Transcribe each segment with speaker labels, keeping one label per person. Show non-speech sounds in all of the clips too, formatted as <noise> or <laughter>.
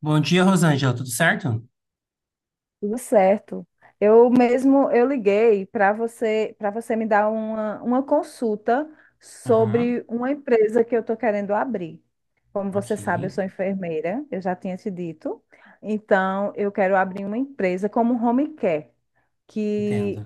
Speaker 1: Bom dia, Rosângela, tudo certo?
Speaker 2: Tudo certo. Eu mesmo eu liguei para você me dar uma consulta
Speaker 1: Aham,
Speaker 2: sobre uma empresa que eu estou querendo abrir. Como
Speaker 1: ok.
Speaker 2: você sabe, eu sou enfermeira, eu já tinha te dito. Então, eu quero abrir uma empresa como home care,
Speaker 1: Entendo,
Speaker 2: que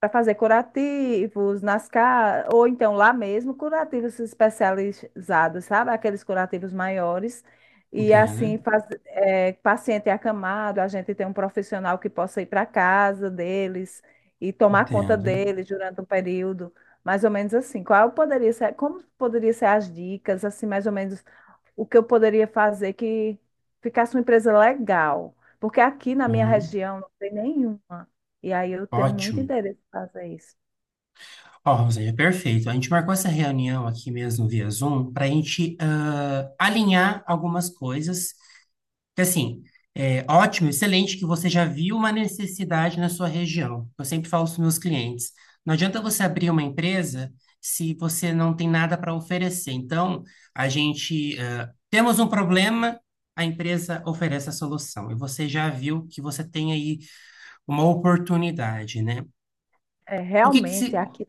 Speaker 2: para fazer curativos ou então lá mesmo, curativos especializados, sabe? Aqueles curativos maiores. E
Speaker 1: entendo,
Speaker 2: assim, paciente acamado, a gente tem um profissional que possa ir para casa deles e tomar conta
Speaker 1: entendo.
Speaker 2: deles durante um período, mais ou menos assim. Qual poderia ser, como poderia ser as dicas, assim, mais ou menos o que eu poderia fazer que ficasse uma empresa legal. Porque aqui na minha
Speaker 1: Aham.
Speaker 2: região não tem nenhuma. E aí eu tenho muito
Speaker 1: Ótimo.
Speaker 2: interesse em fazer isso.
Speaker 1: Ó, Rosângela, perfeito. A gente marcou essa reunião aqui mesmo via Zoom para a gente alinhar algumas coisas. Porque, assim, é ótimo, excelente que você já viu uma necessidade na sua região. Eu sempre falo para os meus clientes, não adianta você abrir uma empresa se você não tem nada para oferecer. Então, a gente, temos um problema, a empresa oferece a solução. E você já viu que você tem aí uma oportunidade, né?
Speaker 2: É,
Speaker 1: O que que se...
Speaker 2: realmente, aqui,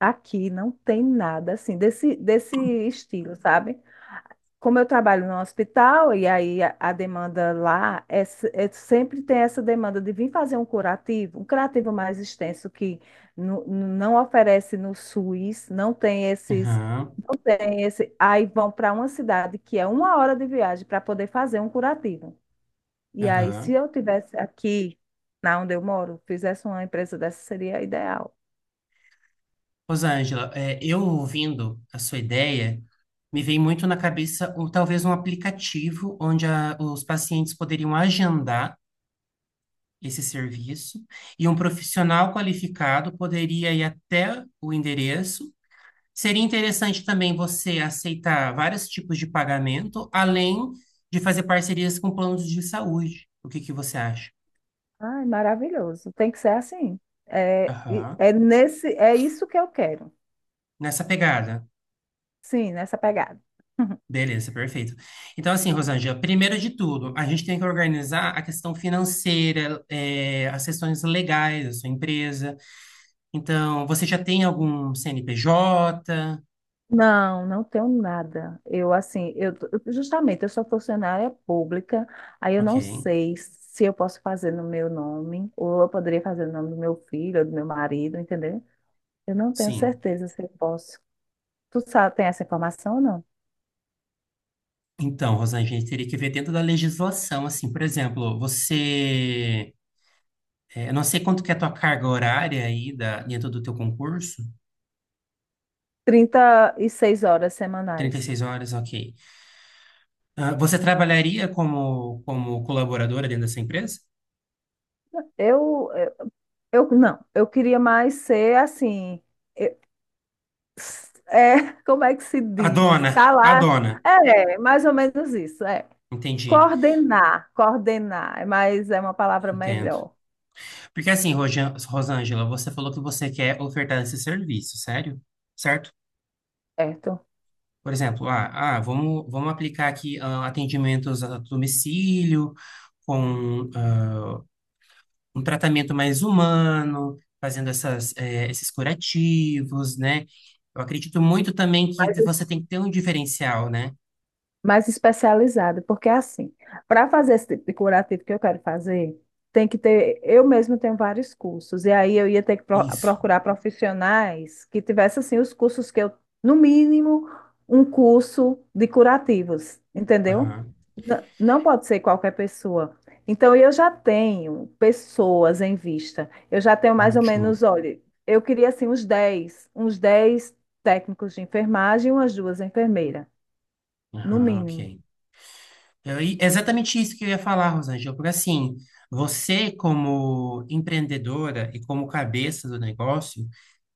Speaker 2: aqui não tem nada assim desse estilo, sabe? Como eu trabalho no hospital, e aí a demanda lá sempre tem essa demanda de vir fazer um curativo mais extenso que não oferece no SUS,
Speaker 1: Aham,
Speaker 2: não tem esse, aí vão para uma cidade que é uma hora de viagem para poder fazer um curativo. E aí, se
Speaker 1: aham.
Speaker 2: eu tivesse aqui, na onde eu moro, fizesse uma empresa dessa, seria ideal.
Speaker 1: Rosângela, é, eu ouvindo a sua ideia, me vem muito na cabeça um, talvez um aplicativo onde os pacientes poderiam agendar esse serviço e um profissional qualificado poderia ir até o endereço. Seria interessante também você aceitar vários tipos de pagamento, além de fazer parcerias com planos de saúde. O que que você acha?
Speaker 2: Ai, maravilhoso. Tem que ser assim.
Speaker 1: Aham.
Speaker 2: É nesse, é isso que eu quero.
Speaker 1: Nessa pegada.
Speaker 2: Sim, nessa pegada. <laughs>
Speaker 1: Beleza, perfeito. Então, assim, Rosângela, primeiro de tudo, a gente tem que organizar a questão financeira, as questões legais da sua empresa. Então, você já tem algum CNPJ?
Speaker 2: Não, não tenho nada. Justamente, eu sou funcionária pública, aí eu
Speaker 1: Ok,
Speaker 2: não sei se eu posso fazer no meu nome, ou eu poderia fazer no nome do meu filho, ou do meu marido, entendeu? Eu não tenho
Speaker 1: sim.
Speaker 2: certeza se eu posso. Tu sabe, tem essa informação ou não?
Speaker 1: Então, Rosângela, a gente teria que ver dentro da legislação, assim, por exemplo, você, eu não sei quanto que é a tua carga horária aí da, dentro do teu concurso,
Speaker 2: 36 horas
Speaker 1: trinta e
Speaker 2: semanais.
Speaker 1: seis horas, ok. Ah, você trabalharia como, colaboradora dentro dessa empresa?
Speaker 2: Eu, eu, não, eu queria mais ser assim, eu- <laughs> como é que se
Speaker 1: A
Speaker 2: diz?
Speaker 1: dona,
Speaker 2: Tá
Speaker 1: a
Speaker 2: lá,
Speaker 1: dona.
Speaker 2: é, mais ou menos isso, é.
Speaker 1: Entendi,
Speaker 2: Coordenar, mas é uma palavra
Speaker 1: entendo.
Speaker 2: melhor,
Speaker 1: Porque assim, Rosângela, você falou que você quer ofertar esse serviço, sério? Certo?
Speaker 2: certo?
Speaker 1: Por exemplo, vamos aplicar aqui atendimentos a domicílio, com um tratamento mais humano, fazendo esses curativos, né? Eu acredito muito também que
Speaker 2: Mas
Speaker 1: você tem que ter um diferencial, né?
Speaker 2: mais especializada, porque é assim, para fazer esse tipo de curativo que eu quero fazer, tem que ter, eu mesma tenho vários cursos, e aí eu ia ter que
Speaker 1: Isso.
Speaker 2: procurar profissionais que tivessem assim os cursos que eu, no mínimo, um curso de curativos, entendeu?
Speaker 1: Aham,
Speaker 2: Não pode ser qualquer pessoa. Então, eu já tenho pessoas em vista. Eu já tenho mais ou
Speaker 1: ótimo.
Speaker 2: menos, olha, eu queria assim uns 10 técnicos de enfermagem e umas duas enfermeiras, no
Speaker 1: Aham,
Speaker 2: mínimo.
Speaker 1: ok. E é exatamente isso que eu ia falar, Rosângela, porque assim, você como empreendedora e como cabeça do negócio,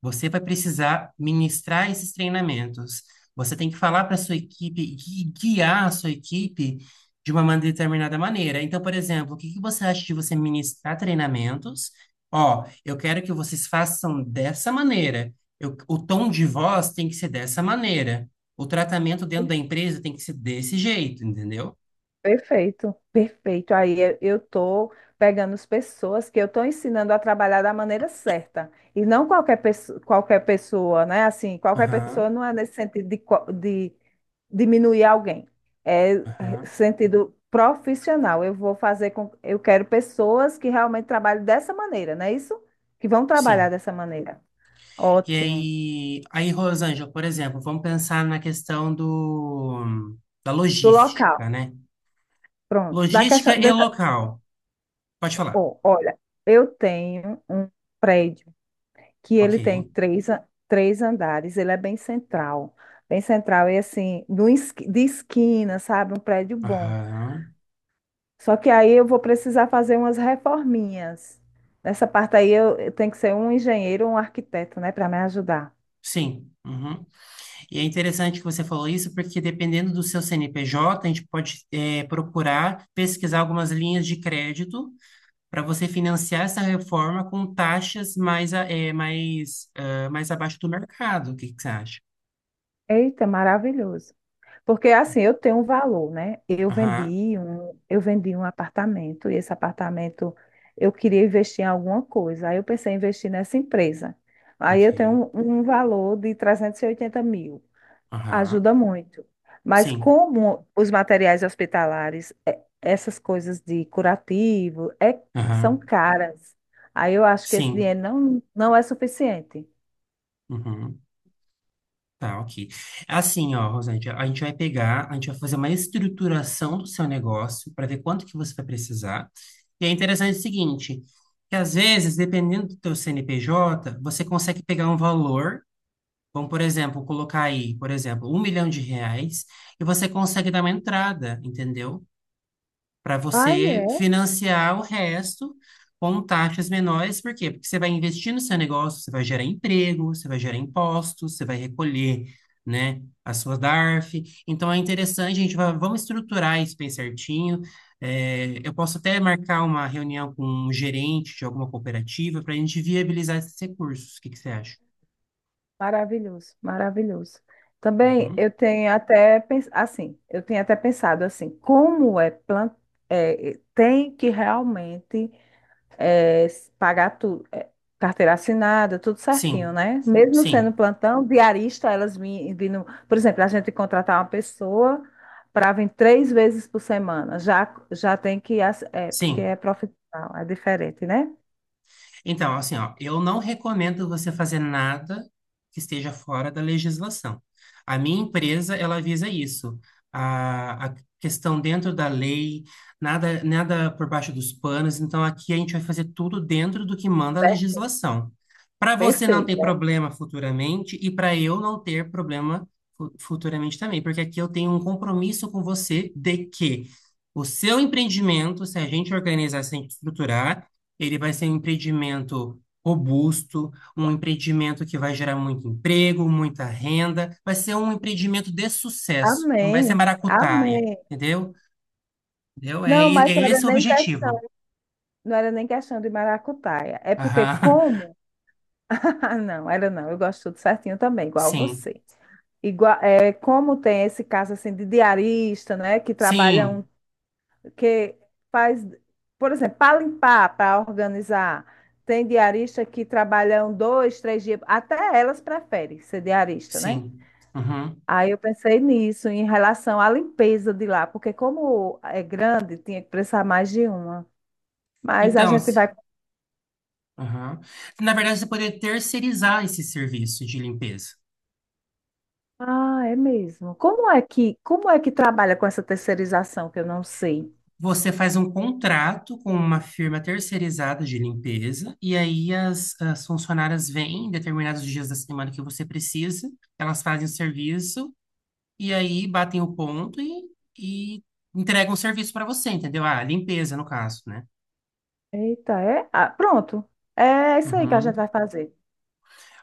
Speaker 1: você vai precisar ministrar esses treinamentos. Você tem que falar para sua equipe e guiar a sua equipe de uma determinada maneira. Então, por exemplo, o que que você acha de você ministrar treinamentos? Ó, eu quero que vocês façam dessa maneira. O tom de voz tem que ser dessa maneira. O tratamento dentro da empresa tem que ser desse jeito, entendeu?
Speaker 2: Perfeito, perfeito. Aí eu tô pegando as pessoas que eu tô ensinando a trabalhar da maneira certa. E não qualquer pessoa, qualquer pessoa, né? Assim, qualquer pessoa
Speaker 1: Aham,
Speaker 2: não é nesse sentido de diminuir alguém. É é,
Speaker 1: aham,
Speaker 2: sentido profissional. Eu vou fazer com, eu quero pessoas que realmente trabalhem dessa maneira, não é isso? Que vão trabalhar
Speaker 1: sim.
Speaker 2: dessa maneira.
Speaker 1: E
Speaker 2: Ótimo.
Speaker 1: aí, Rosângela, por exemplo, vamos pensar na questão do, da
Speaker 2: Do local.
Speaker 1: logística, né?
Speaker 2: Pronto. Da
Speaker 1: Logística
Speaker 2: questão,
Speaker 1: e
Speaker 2: deixa,
Speaker 1: local. Pode falar.
Speaker 2: ó, olha, eu tenho um prédio que
Speaker 1: Ok.
Speaker 2: ele tem três andares, ele é bem central, e assim, no esqui- de esquina, sabe, um prédio bom.
Speaker 1: Aham,
Speaker 2: Só que aí eu vou precisar fazer umas reforminhas. Nessa parte aí eu tenho que ser um engenheiro ou um arquiteto, né, para me ajudar.
Speaker 1: sim. Uhum. E é interessante que você falou isso, porque dependendo do seu CNPJ, a gente pode procurar pesquisar algumas linhas de crédito para você financiar essa reforma com taxas mais, a- eh, mais, ah, mais abaixo do mercado. O que que você acha?
Speaker 2: Eita, maravilhoso. Porque assim, eu tenho um valor, né?
Speaker 1: Aham,
Speaker 2: Eu vendi um apartamento e esse apartamento eu queria investir em alguma coisa. Aí eu pensei em investir nessa empresa. Aí eu
Speaker 1: ok.
Speaker 2: tenho um valor de 380 mil.
Speaker 1: Aham,
Speaker 2: Ajuda muito. Mas
Speaker 1: sim.
Speaker 2: como os materiais hospitalares, essas coisas de curativo, é, são
Speaker 1: Aham,
Speaker 2: caras. Aí eu acho que esse
Speaker 1: sim.
Speaker 2: dinheiro não é suficiente.
Speaker 1: Uhum. Tá, ok. É, assim, ó, Rosane, a gente vai pegar, a gente vai fazer uma estruturação do seu negócio para ver quanto que você vai precisar. E é interessante o seguinte, que às vezes, dependendo do teu CNPJ, você consegue pegar um valor, vamos, por exemplo, colocar aí, por exemplo, R$ 1 milhão, e você consegue dar uma entrada, entendeu? Para
Speaker 2: Aí
Speaker 1: você
Speaker 2: é,
Speaker 1: financiar o resto com taxas menores. Por quê? Porque você vai investir no seu negócio, você vai gerar emprego, você vai gerar impostos, você vai recolher, né, a sua DARF. Então é interessante, a gente vai, vamos estruturar isso bem certinho. É, eu posso até marcar uma reunião com um gerente de alguma cooperativa para a gente viabilizar esses recursos. O que que você acha?
Speaker 2: maravilhoso, maravilhoso. Também
Speaker 1: Uhum.
Speaker 2: eu tenho até pensado assim, como é, plan- é, tem que realmente pagar tudo, carteira assinada, tudo certinho,
Speaker 1: Sim,
Speaker 2: né? Sim. Mesmo sendo
Speaker 1: sim,
Speaker 2: plantão, diarista, vindo, por exemplo, a gente contratar uma pessoa para vir três vezes por semana, já já tem que porque
Speaker 1: sim.
Speaker 2: é profissional, é diferente, né?
Speaker 1: Então, assim, ó, eu não recomendo você fazer nada que esteja fora da legislação. A minha empresa, ela visa isso. A questão dentro da lei, nada, nada por baixo dos panos. Então, aqui a gente vai fazer tudo dentro do que manda a
Speaker 2: Certo.
Speaker 1: legislação. Para você não ter
Speaker 2: Perfeito.
Speaker 1: problema futuramente e para eu não ter problema futuramente também, porque aqui eu tenho um compromisso com você de que o seu empreendimento, se a gente organizar, se a gente estruturar, ele vai ser um empreendimento robusto, um empreendimento que vai gerar muito emprego, muita renda, vai ser um empreendimento de sucesso, não vai ser
Speaker 2: Amém.
Speaker 1: maracutaia,
Speaker 2: Amém.
Speaker 1: entendeu? Entendeu? É,
Speaker 2: Não, mas
Speaker 1: é esse o objetivo.
Speaker 2: não era nem questão de maracutaia. É porque
Speaker 1: Aham. <laughs>
Speaker 2: como? <laughs> Ah, não, era não. Eu gosto tudo certinho também, igual
Speaker 1: Sim,
Speaker 2: você. Igual, é, como tem esse caso assim de diarista, né,
Speaker 1: sim,
Speaker 2: que faz, por exemplo, para limpar, para organizar, tem diarista que trabalham dois, três dias, até elas preferem ser diarista, né?
Speaker 1: sim. Uhum.
Speaker 2: Aí eu pensei nisso em relação à limpeza de lá, porque como é grande, tinha que precisar mais de uma. Mas a
Speaker 1: Então,
Speaker 2: gente vai.
Speaker 1: aham. Na verdade, você poderia terceirizar esse serviço de limpeza.
Speaker 2: Ah, é mesmo. Como é que trabalha com essa terceirização que eu não sei?
Speaker 1: Você faz um contrato com uma firma terceirizada de limpeza, e aí as funcionárias vêm em determinados dias da semana que você precisa, elas fazem o serviço, e aí batem o ponto e entregam o serviço para você, entendeu? Ah, limpeza, no caso, né?
Speaker 2: Eita, é? Ah, pronto. É isso aí que a gente
Speaker 1: Uhum.
Speaker 2: vai fazer.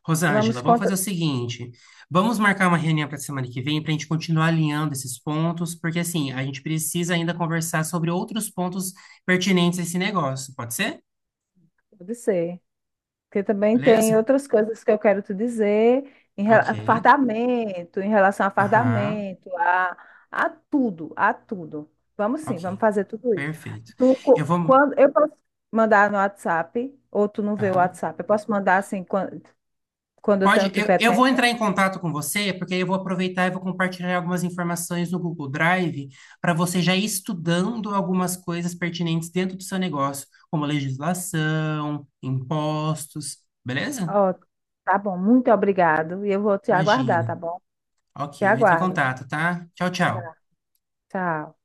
Speaker 1: Rosângela,
Speaker 2: Vamos
Speaker 1: vamos fazer o
Speaker 2: contra...
Speaker 1: seguinte: vamos marcar uma reunião para semana que vem para a gente continuar alinhando esses pontos, porque assim, a gente precisa ainda conversar sobre outros pontos pertinentes a esse negócio, pode ser?
Speaker 2: Pode ser. Porque também
Speaker 1: Beleza?
Speaker 2: tem outras coisas que eu quero te dizer
Speaker 1: Ok.
Speaker 2: fardamento, em relação a
Speaker 1: Aham,
Speaker 2: fardamento, a tudo, a tudo. Vamos sim, vamos
Speaker 1: ok.
Speaker 2: fazer tudo isso.
Speaker 1: Perfeito. Eu vou.
Speaker 2: Quando eu posso mandar no WhatsApp, ou tu não vê o
Speaker 1: Aham.
Speaker 2: WhatsApp, eu posso mandar assim eu tenho,
Speaker 1: Pode,
Speaker 2: tiver
Speaker 1: eu vou
Speaker 2: tempo.
Speaker 1: entrar em contato com você, porque aí eu vou aproveitar e vou compartilhar algumas informações no Google Drive para você já ir estudando algumas coisas pertinentes dentro do seu negócio, como legislação, impostos, beleza?
Speaker 2: Ó, tá bom, muito obrigado. E eu vou te aguardar, tá
Speaker 1: Imagina.
Speaker 2: bom?
Speaker 1: Ok,
Speaker 2: Te
Speaker 1: eu entro em
Speaker 2: aguardo.
Speaker 1: contato, tá? Tchau, tchau.
Speaker 2: Tá. Tchau.